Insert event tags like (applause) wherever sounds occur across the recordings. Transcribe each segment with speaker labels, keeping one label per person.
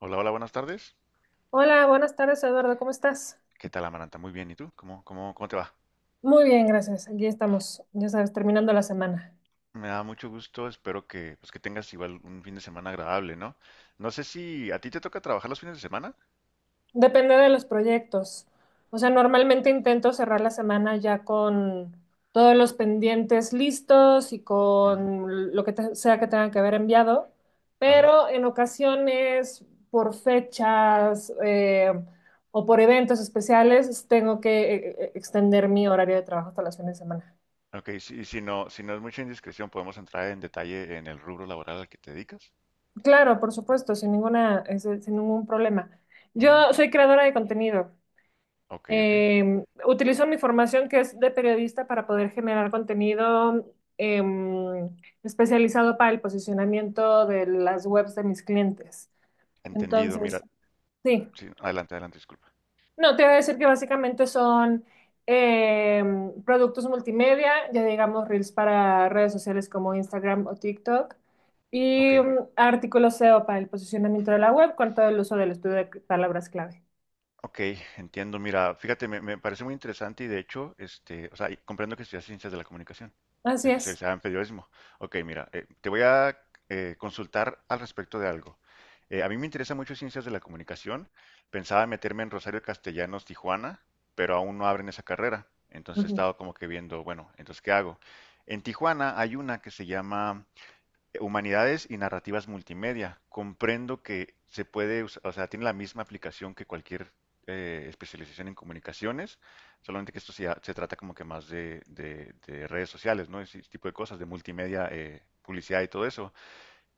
Speaker 1: Hola, hola, buenas tardes.
Speaker 2: Hola, buenas tardes, Eduardo, ¿cómo estás?
Speaker 1: ¿Qué tal, Amaranta? Muy bien. ¿Y tú? ¿Cómo te va?
Speaker 2: Muy bien, gracias. Aquí estamos, ya sabes, terminando la semana.
Speaker 1: Me da mucho gusto. Espero que, pues, que tengas igual un fin de semana agradable, ¿no? No sé si a ti te toca trabajar los fines de semana.
Speaker 2: Depende de los proyectos. O sea, normalmente intento cerrar la semana ya con todos los pendientes listos y
Speaker 1: Ujú.
Speaker 2: con lo que sea que tengan que haber enviado,
Speaker 1: Ajá.
Speaker 2: pero en ocasiones, por fechas o por eventos especiales, tengo que extender mi horario de trabajo hasta las fines de semana.
Speaker 1: Ok, si no es mucha indiscreción, podemos entrar en detalle en el rubro laboral al que te dedicas.
Speaker 2: Claro, por supuesto, sin ninguna, es- sin ningún problema.
Speaker 1: Ujú.
Speaker 2: Yo soy creadora de contenido.
Speaker 1: Ok, ok.
Speaker 2: Utilizo mi formación que es de periodista para poder generar contenido eh, especializado para el posicionamiento de las webs de mis clientes.
Speaker 1: Entendido.
Speaker 2: Entonces,
Speaker 1: Mira,
Speaker 2: sí.
Speaker 1: sí, adelante, disculpa.
Speaker 2: No, te iba a decir que básicamente son productos multimedia, ya digamos reels para redes sociales como Instagram o TikTok,
Speaker 1: Ok.
Speaker 2: y artículos SEO para el posicionamiento de la web con todo el uso del estudio de palabras clave.
Speaker 1: Ok, entiendo. Mira, fíjate, me parece muy interesante y de hecho, este, o sea, y comprendo que estudias ciencias de la comunicación,
Speaker 2: Así es.
Speaker 1: especializada en periodismo. Ok, mira, te voy a consultar al respecto de algo. A mí me interesa mucho ciencias de la comunicación. Pensaba meterme en Rosario Castellanos, Tijuana, pero aún no abren esa carrera. Entonces he
Speaker 2: Ujú,
Speaker 1: estado como que viendo, bueno, entonces, ¿qué hago? En Tijuana hay una que se llama Humanidades y Narrativas Multimedia. Comprendo que se puede, o sea, tiene la misma aplicación que cualquier especialización en comunicaciones, solamente que esto se trata como que más de, de redes sociales, ¿no? Ese tipo de cosas, de multimedia, publicidad y todo eso.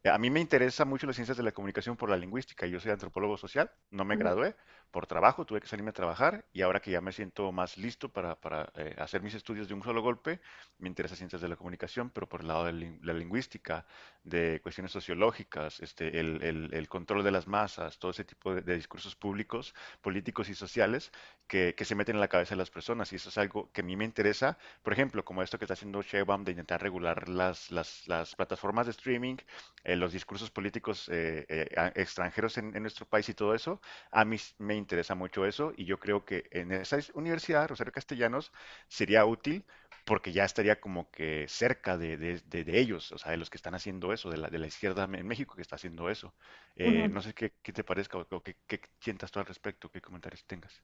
Speaker 1: A mí me interesa mucho las ciencias de la comunicación por la lingüística. Yo soy antropólogo social, no me
Speaker 2: ujú,
Speaker 1: gradué por trabajo, tuve que salirme a trabajar y ahora que ya me siento más listo hacer mis estudios de un solo golpe, me interesa ciencias de la comunicación, pero por el lado de la lingüística, de cuestiones sociológicas, este, el control de las masas, todo ese tipo de discursos públicos, políticos y sociales que se meten en la cabeza de las personas y eso es algo que a mí me interesa, por ejemplo, como esto que está haciendo Sheinbaum de intentar regular las, las plataformas de streaming los discursos políticos extranjeros en nuestro país y todo eso, a me interesa mucho eso y yo creo que en esa universidad, Rosario Castellanos, sería útil porque ya estaría como que cerca de, de ellos, o sea, de los que están haciendo eso, de la izquierda en México que está haciendo eso.
Speaker 2: ujú.
Speaker 1: No sé qué, qué te parezca o qué, qué sientas tú al respecto, qué comentarios tengas.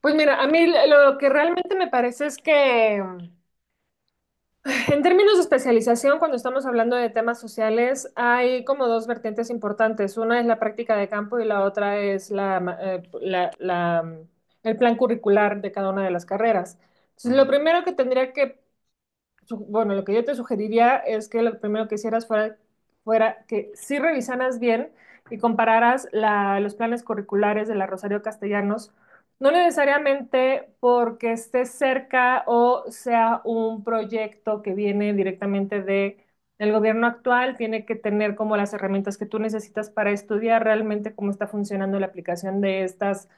Speaker 2: Pues mira, a mí lo que realmente me parece es que. (laughs) En términos de especialización, cuando estamos hablando de temas sociales, hay como dos vertientes importantes. Una es la práctica de campo y la otra es la el plan curricular de cada una de las carreras. Entonces, lo
Speaker 1: Ujú,
Speaker 2: primero que bueno, lo que yo te sugeriría es que lo primero que hicieras fuera que sí revisaras bien y compararas los planes curriculares de la Rosario Castellanos, no necesariamente porque esté cerca o sea un proyecto que viene directamente de el gobierno actual, tiene que tener como las herramientas que tú necesitas para estudiar realmente cómo está funcionando la aplicación de estas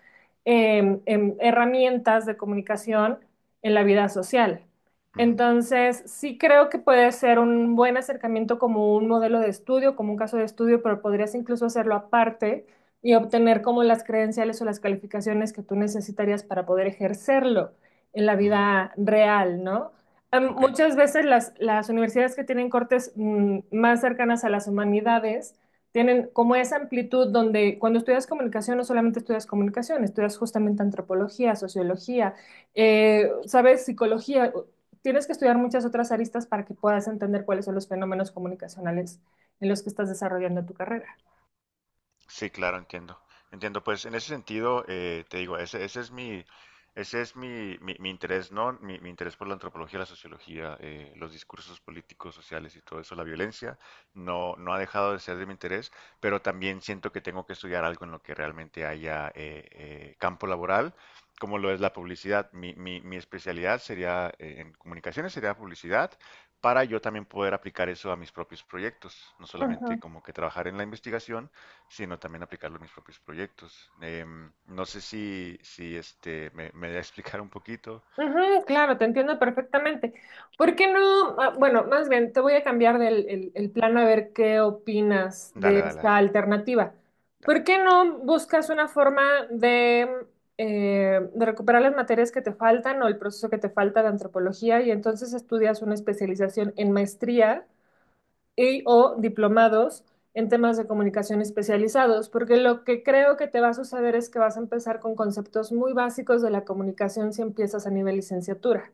Speaker 2: herramientas de comunicación en la vida social.
Speaker 1: ujú,
Speaker 2: Entonces, sí creo que puede ser un buen acercamiento como un modelo de estudio, como un caso de estudio, pero podrías incluso hacerlo aparte y obtener como las credenciales o las calificaciones que tú necesitarías para poder ejercerlo en la
Speaker 1: ujú,
Speaker 2: vida real, ¿no?
Speaker 1: ok.
Speaker 2: Muchas veces las universidades que tienen cortes más cercanas a las humanidades tienen como esa amplitud donde cuando estudias comunicación no solamente estudias comunicación, estudias justamente antropología, sociología, ¿sabes? Psicología. Tienes que estudiar muchas otras aristas para que puedas entender cuáles son los fenómenos comunicacionales en los que estás desarrollando tu carrera.
Speaker 1: Sí, claro, entiendo. Entiendo, pues en ese sentido, te digo, ese es mi, ese es mi interés, ¿no? Mi interés por la antropología, la sociología, los discursos políticos, sociales y todo eso, la violencia, no, no ha dejado de ser de mi interés, pero también siento que tengo que estudiar algo en lo que realmente haya campo laboral, como lo es la publicidad. Mi especialidad sería, en comunicaciones sería publicidad, para yo también poder aplicar eso a mis propios proyectos, no solamente
Speaker 2: Ujú,
Speaker 1: como que trabajar en la investigación, sino también aplicarlo en mis propios proyectos. Em, no sé si, si este, me da a explicar un poquito.
Speaker 2: ujú, claro, te entiendo perfectamente. ¿Por qué no? Ah, bueno, más bien, te voy a cambiar del el plano a ver qué opinas de
Speaker 1: Dale, dale,
Speaker 2: esta
Speaker 1: dale,
Speaker 2: alternativa.
Speaker 1: dale.
Speaker 2: ¿Por qué no buscas una forma de recuperar las materias que te faltan o el proceso que te falta de antropología y entonces estudias una especialización en maestría? Y o diplomados en temas de comunicación especializados, porque lo que creo que te va a suceder es que vas a empezar con conceptos muy básicos de la comunicación si empiezas a nivel licenciatura.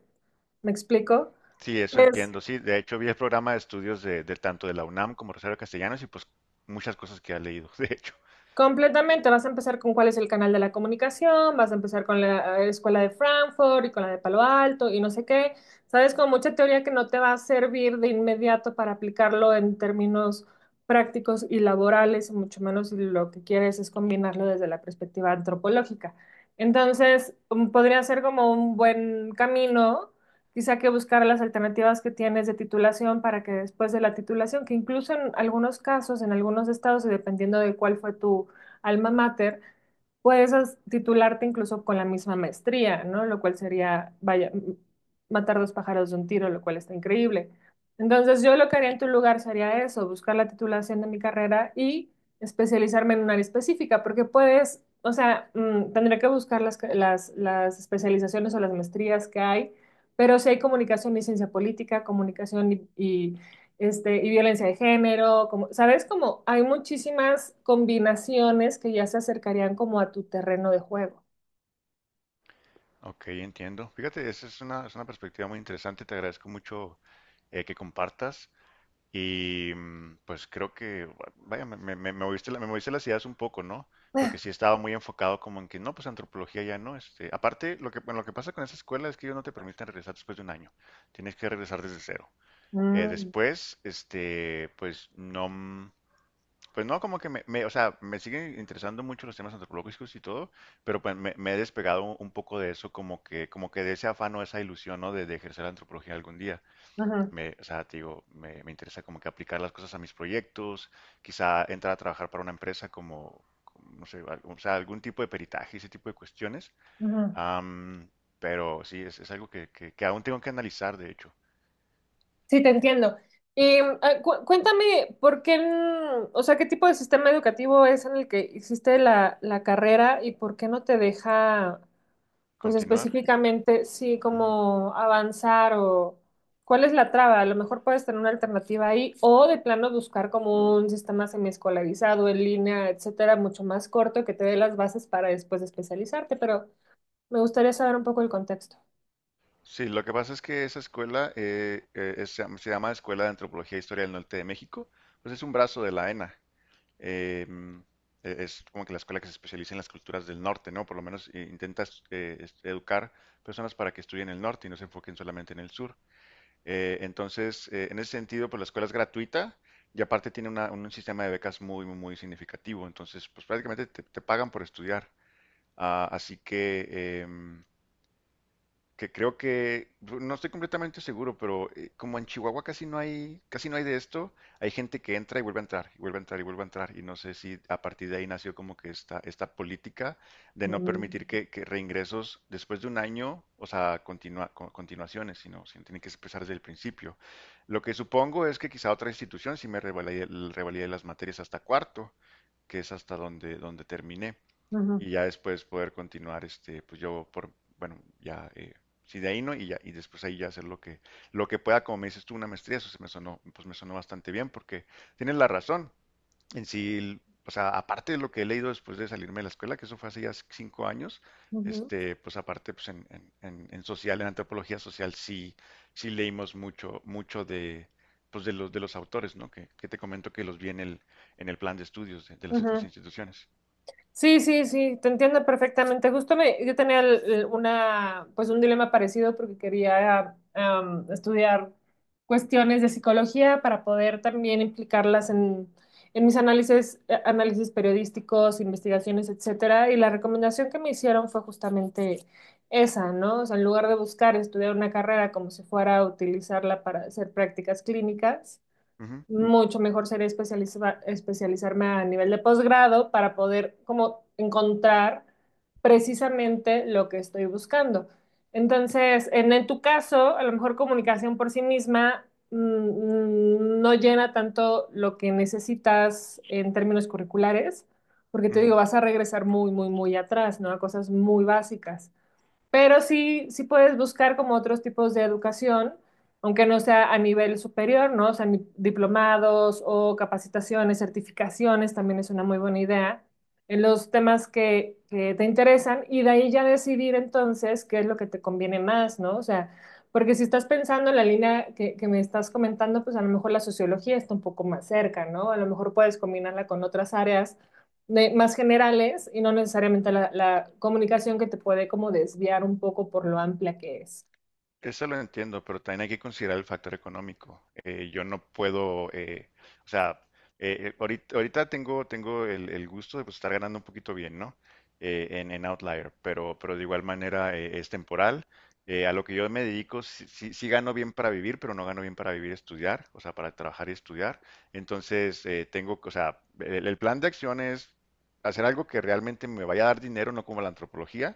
Speaker 2: ¿Me
Speaker 1: Mm.
Speaker 2: explico?
Speaker 1: Sí, eso
Speaker 2: Es
Speaker 1: entiendo. Sí, de hecho vi el programa de estudios de tanto de la UNAM como Rosario Castellanos y pues muchas cosas que ha leído, (laughs) de hecho.
Speaker 2: Completamente, vas a empezar con cuál es el canal de la comunicación, vas a empezar con la escuela de Frankfurt y con la de Palo Alto y no sé qué, sabes, con mucha teoría que no te va a servir de inmediato para aplicarlo en términos prácticos y laborales, mucho menos si lo que quieres es combinarlo desde la perspectiva antropológica. Entonces, podría ser como un buen camino. Quizá que buscar las alternativas que tienes de titulación para que después de la titulación, que incluso en algunos casos, en algunos estados, y dependiendo de cuál fue tu alma mater, puedes titularte incluso con la misma maestría, ¿no? Lo cual sería, vaya, matar dos pájaros de un tiro, lo cual está increíble. Entonces, yo lo que haría en tu lugar sería eso, buscar la titulación de mi carrera y especializarme en un área específica, porque puedes, o sea, tendría que buscar las especializaciones o las maestrías que hay, pero sí hay comunicación y ciencia política, comunicación y violencia de género, como, ¿sabes? Como hay muchísimas combinaciones que ya se acercarían como a tu terreno de juego.
Speaker 1: Ok, entiendo. Fíjate, esa es una perspectiva muy interesante. Te agradezco mucho que compartas. Y mm, pues creo que, vaya, me moviste la, me moviste las ideas un poco, ¿no? Porque sí estaba muy enfocado como en que, no, pues antropología ya no. Este, aparte, lo que, bueno, lo que pasa con esa escuela es que ellos no te permiten regresar después de un año. Tienes que regresar desde cero.
Speaker 2: Mm,
Speaker 1: Después, este, pues no, mm, pues no, como que o sea, me siguen interesando mucho los temas antropológicos y todo, pero pues me he despegado un poco de eso, como que de ese afán o esa ilusión, ¿no? De ejercer la antropología algún día
Speaker 2: ujú,
Speaker 1: o sea, te digo, me interesa como que aplicar las cosas a mis proyectos, quizá entrar a trabajar para una empresa como, como, no sé, o sea, algún tipo de peritaje, ese tipo de cuestiones.
Speaker 2: ujú.
Speaker 1: Am, pero sí, es algo que, que aún tengo que analizar, de hecho.
Speaker 2: Sí, te entiendo. Y mm, ah, cuéntame, ¿por qué, o sea, qué tipo de sistema educativo es en el que hiciste la carrera y por qué no te deja? Pues
Speaker 1: Continuar.
Speaker 2: específicamente, sí,
Speaker 1: Ujú.
Speaker 2: como avanzar o cuál es la traba. A lo mejor puedes tener una alternativa ahí o de plano buscar como un sistema semiescolarizado en línea, etcétera, mucho más corto que te dé las bases para después especializarte, pero me gustaría saber un poco el contexto.
Speaker 1: Sí, lo que pasa es que esa escuela se llama Escuela de Antropología e Historia del Norte de México, pues es un brazo de la ENA. eh, es como que la escuela que se especializa en las culturas del norte, ¿no? Por lo menos intenta educar personas para que estudien el norte y no se enfoquen solamente en el sur. Entonces, en ese sentido, pues la escuela es gratuita y aparte tiene un sistema de becas muy, muy, muy significativo. Entonces, pues prácticamente te pagan por estudiar. Ah, así que, em, que creo que, pues, no estoy completamente seguro, pero como en Chihuahua casi no hay de esto, hay gente que entra y vuelve a entrar, y vuelve a entrar, y vuelve a entrar, y no sé si a partir de ahí nació como que esta política de no
Speaker 2: Mm.
Speaker 1: permitir que reingresos después de un año, o sea, continuaciones, sino tienen que empezar desde el principio. Lo que supongo es que quizá otra institución sí me revalide las materias hasta cuarto, que es hasta donde, donde terminé
Speaker 2: Ujú,
Speaker 1: y ya después poder continuar, este, pues yo por, bueno, ya, si de ahí no, y ya, y después ahí ya hacer lo que pueda, como me dices tú, una maestría, eso se me sonó, pues me sonó bastante bien, porque tienes la razón, en sí, o sea, aparte de lo que he leído después de salirme de la escuela, que eso fue hace ya 5 años,
Speaker 2: ujú,
Speaker 1: este, pues aparte, pues en, en social, en antropología social, sí, sí leímos mucho, mucho de, pues de los autores, ¿no? Que te comento que los vi en el plan de estudios de las otras
Speaker 2: ujú.
Speaker 1: instituciones.
Speaker 2: Sí, sí, sí, te entiendo perfectamente. Justo me, yo tenía una, pues un dilema parecido porque quería estudiar cuestiones de psicología para poder también implicarlas en mis análisis, análisis periodísticos, investigaciones, etcétera. Y la recomendación que me hicieron fue justamente esa, ¿no? O sea, en lugar de buscar estudiar una carrera como si fuera a utilizarla para hacer prácticas clínicas,
Speaker 1: Ujú,
Speaker 2: mucho mejor sería especializarme a nivel de posgrado para poder como encontrar precisamente lo que estoy buscando. Entonces, en tu caso, a lo mejor comunicación por sí misma, no llena tanto lo que necesitas en términos curriculares, porque te digo,
Speaker 1: ujú.
Speaker 2: vas a regresar muy, muy, muy atrás, ¿no? A cosas muy básicas. Pero sí, sí puedes buscar como otros tipos de educación, aunque no sea a nivel superior, ¿no? O sea, diplomados o capacitaciones, certificaciones, también es una muy buena idea en los temas que te interesan y de ahí ya decidir entonces qué es lo que te conviene más, ¿no? O sea, porque si estás pensando en la línea que me estás comentando, pues a lo mejor la sociología está un poco más cerca, ¿no? A lo mejor puedes combinarla con otras áreas más generales y no necesariamente la comunicación que te puede como desviar un poco por lo amplia que es.
Speaker 1: Eso lo entiendo, pero también hay que considerar el factor económico. Yo no puedo, o sea, ahorita, ahorita tengo, tengo el gusto de pues, estar ganando un poquito bien, ¿no? En Outlier, pero de igual manera es temporal. A lo que yo me dedico, sí, sí gano bien para vivir, pero no gano bien para vivir y estudiar, o sea, para trabajar y estudiar. Entonces, tengo, o sea, el plan de acción es hacer algo que realmente me vaya a dar dinero, no como la antropología,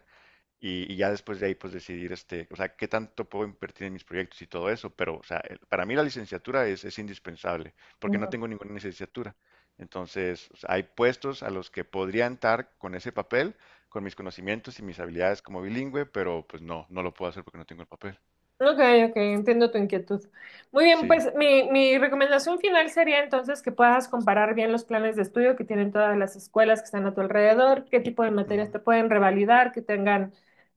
Speaker 1: y ya después de ahí, pues decidir, este, o sea, qué tanto puedo invertir en mis proyectos y todo eso. Pero, o sea, para mí la licenciatura es indispensable, porque no tengo ninguna licenciatura. Entonces, o sea, hay puestos a los que podría entrar con ese papel, con mis conocimientos y mis habilidades como bilingüe, pero pues no, no lo puedo hacer porque no tengo el papel.
Speaker 2: Ok, ok, entiendo tu inquietud. Muy bien,
Speaker 1: Sí.
Speaker 2: pues mi recomendación final sería entonces que puedas comparar bien los planes de estudio que tienen todas las escuelas que están a tu alrededor, qué tipo de materias te pueden revalidar, que tengan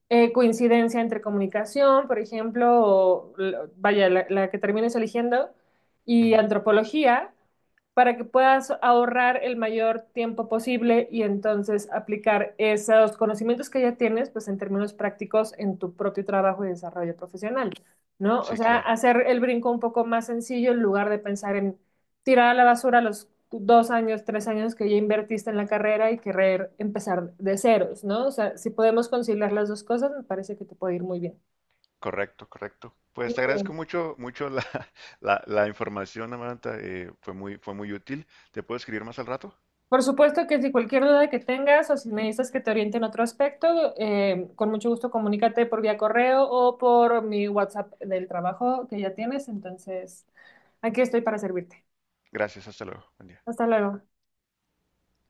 Speaker 2: coincidencia entre comunicación, por ejemplo, o vaya, la que termines eligiendo,
Speaker 1: Ujú,
Speaker 2: y
Speaker 1: ujú.
Speaker 2: antropología, para que puedas ahorrar el mayor tiempo posible y entonces aplicar esos conocimientos que ya tienes, pues en términos prácticos en tu propio trabajo y desarrollo profesional. ¿No? O
Speaker 1: Sí,
Speaker 2: sea,
Speaker 1: claro.
Speaker 2: hacer el brinco un poco más sencillo en lugar de pensar en tirar a la basura los dos años, tres años que ya invertiste en la carrera y querer empezar de ceros, ¿no? O sea, si podemos conciliar las dos cosas, me parece que te puede ir muy bien.
Speaker 1: Correcto, correcto. Pues
Speaker 2: Muy
Speaker 1: te agradezco
Speaker 2: bien.
Speaker 1: mucho, mucho la, (laughs) la información, Amanda. Eh, fue muy útil. ¿Te puedo escribir más al rato?
Speaker 2: Por supuesto que si cualquier duda que tengas o si necesitas que te oriente en otro aspecto, con mucho gusto comunícate por vía correo o por mi WhatsApp del trabajo que ya tienes. Entonces, aquí estoy para servirte.
Speaker 1: Gracias, hasta luego. Buen día.
Speaker 2: Hasta luego.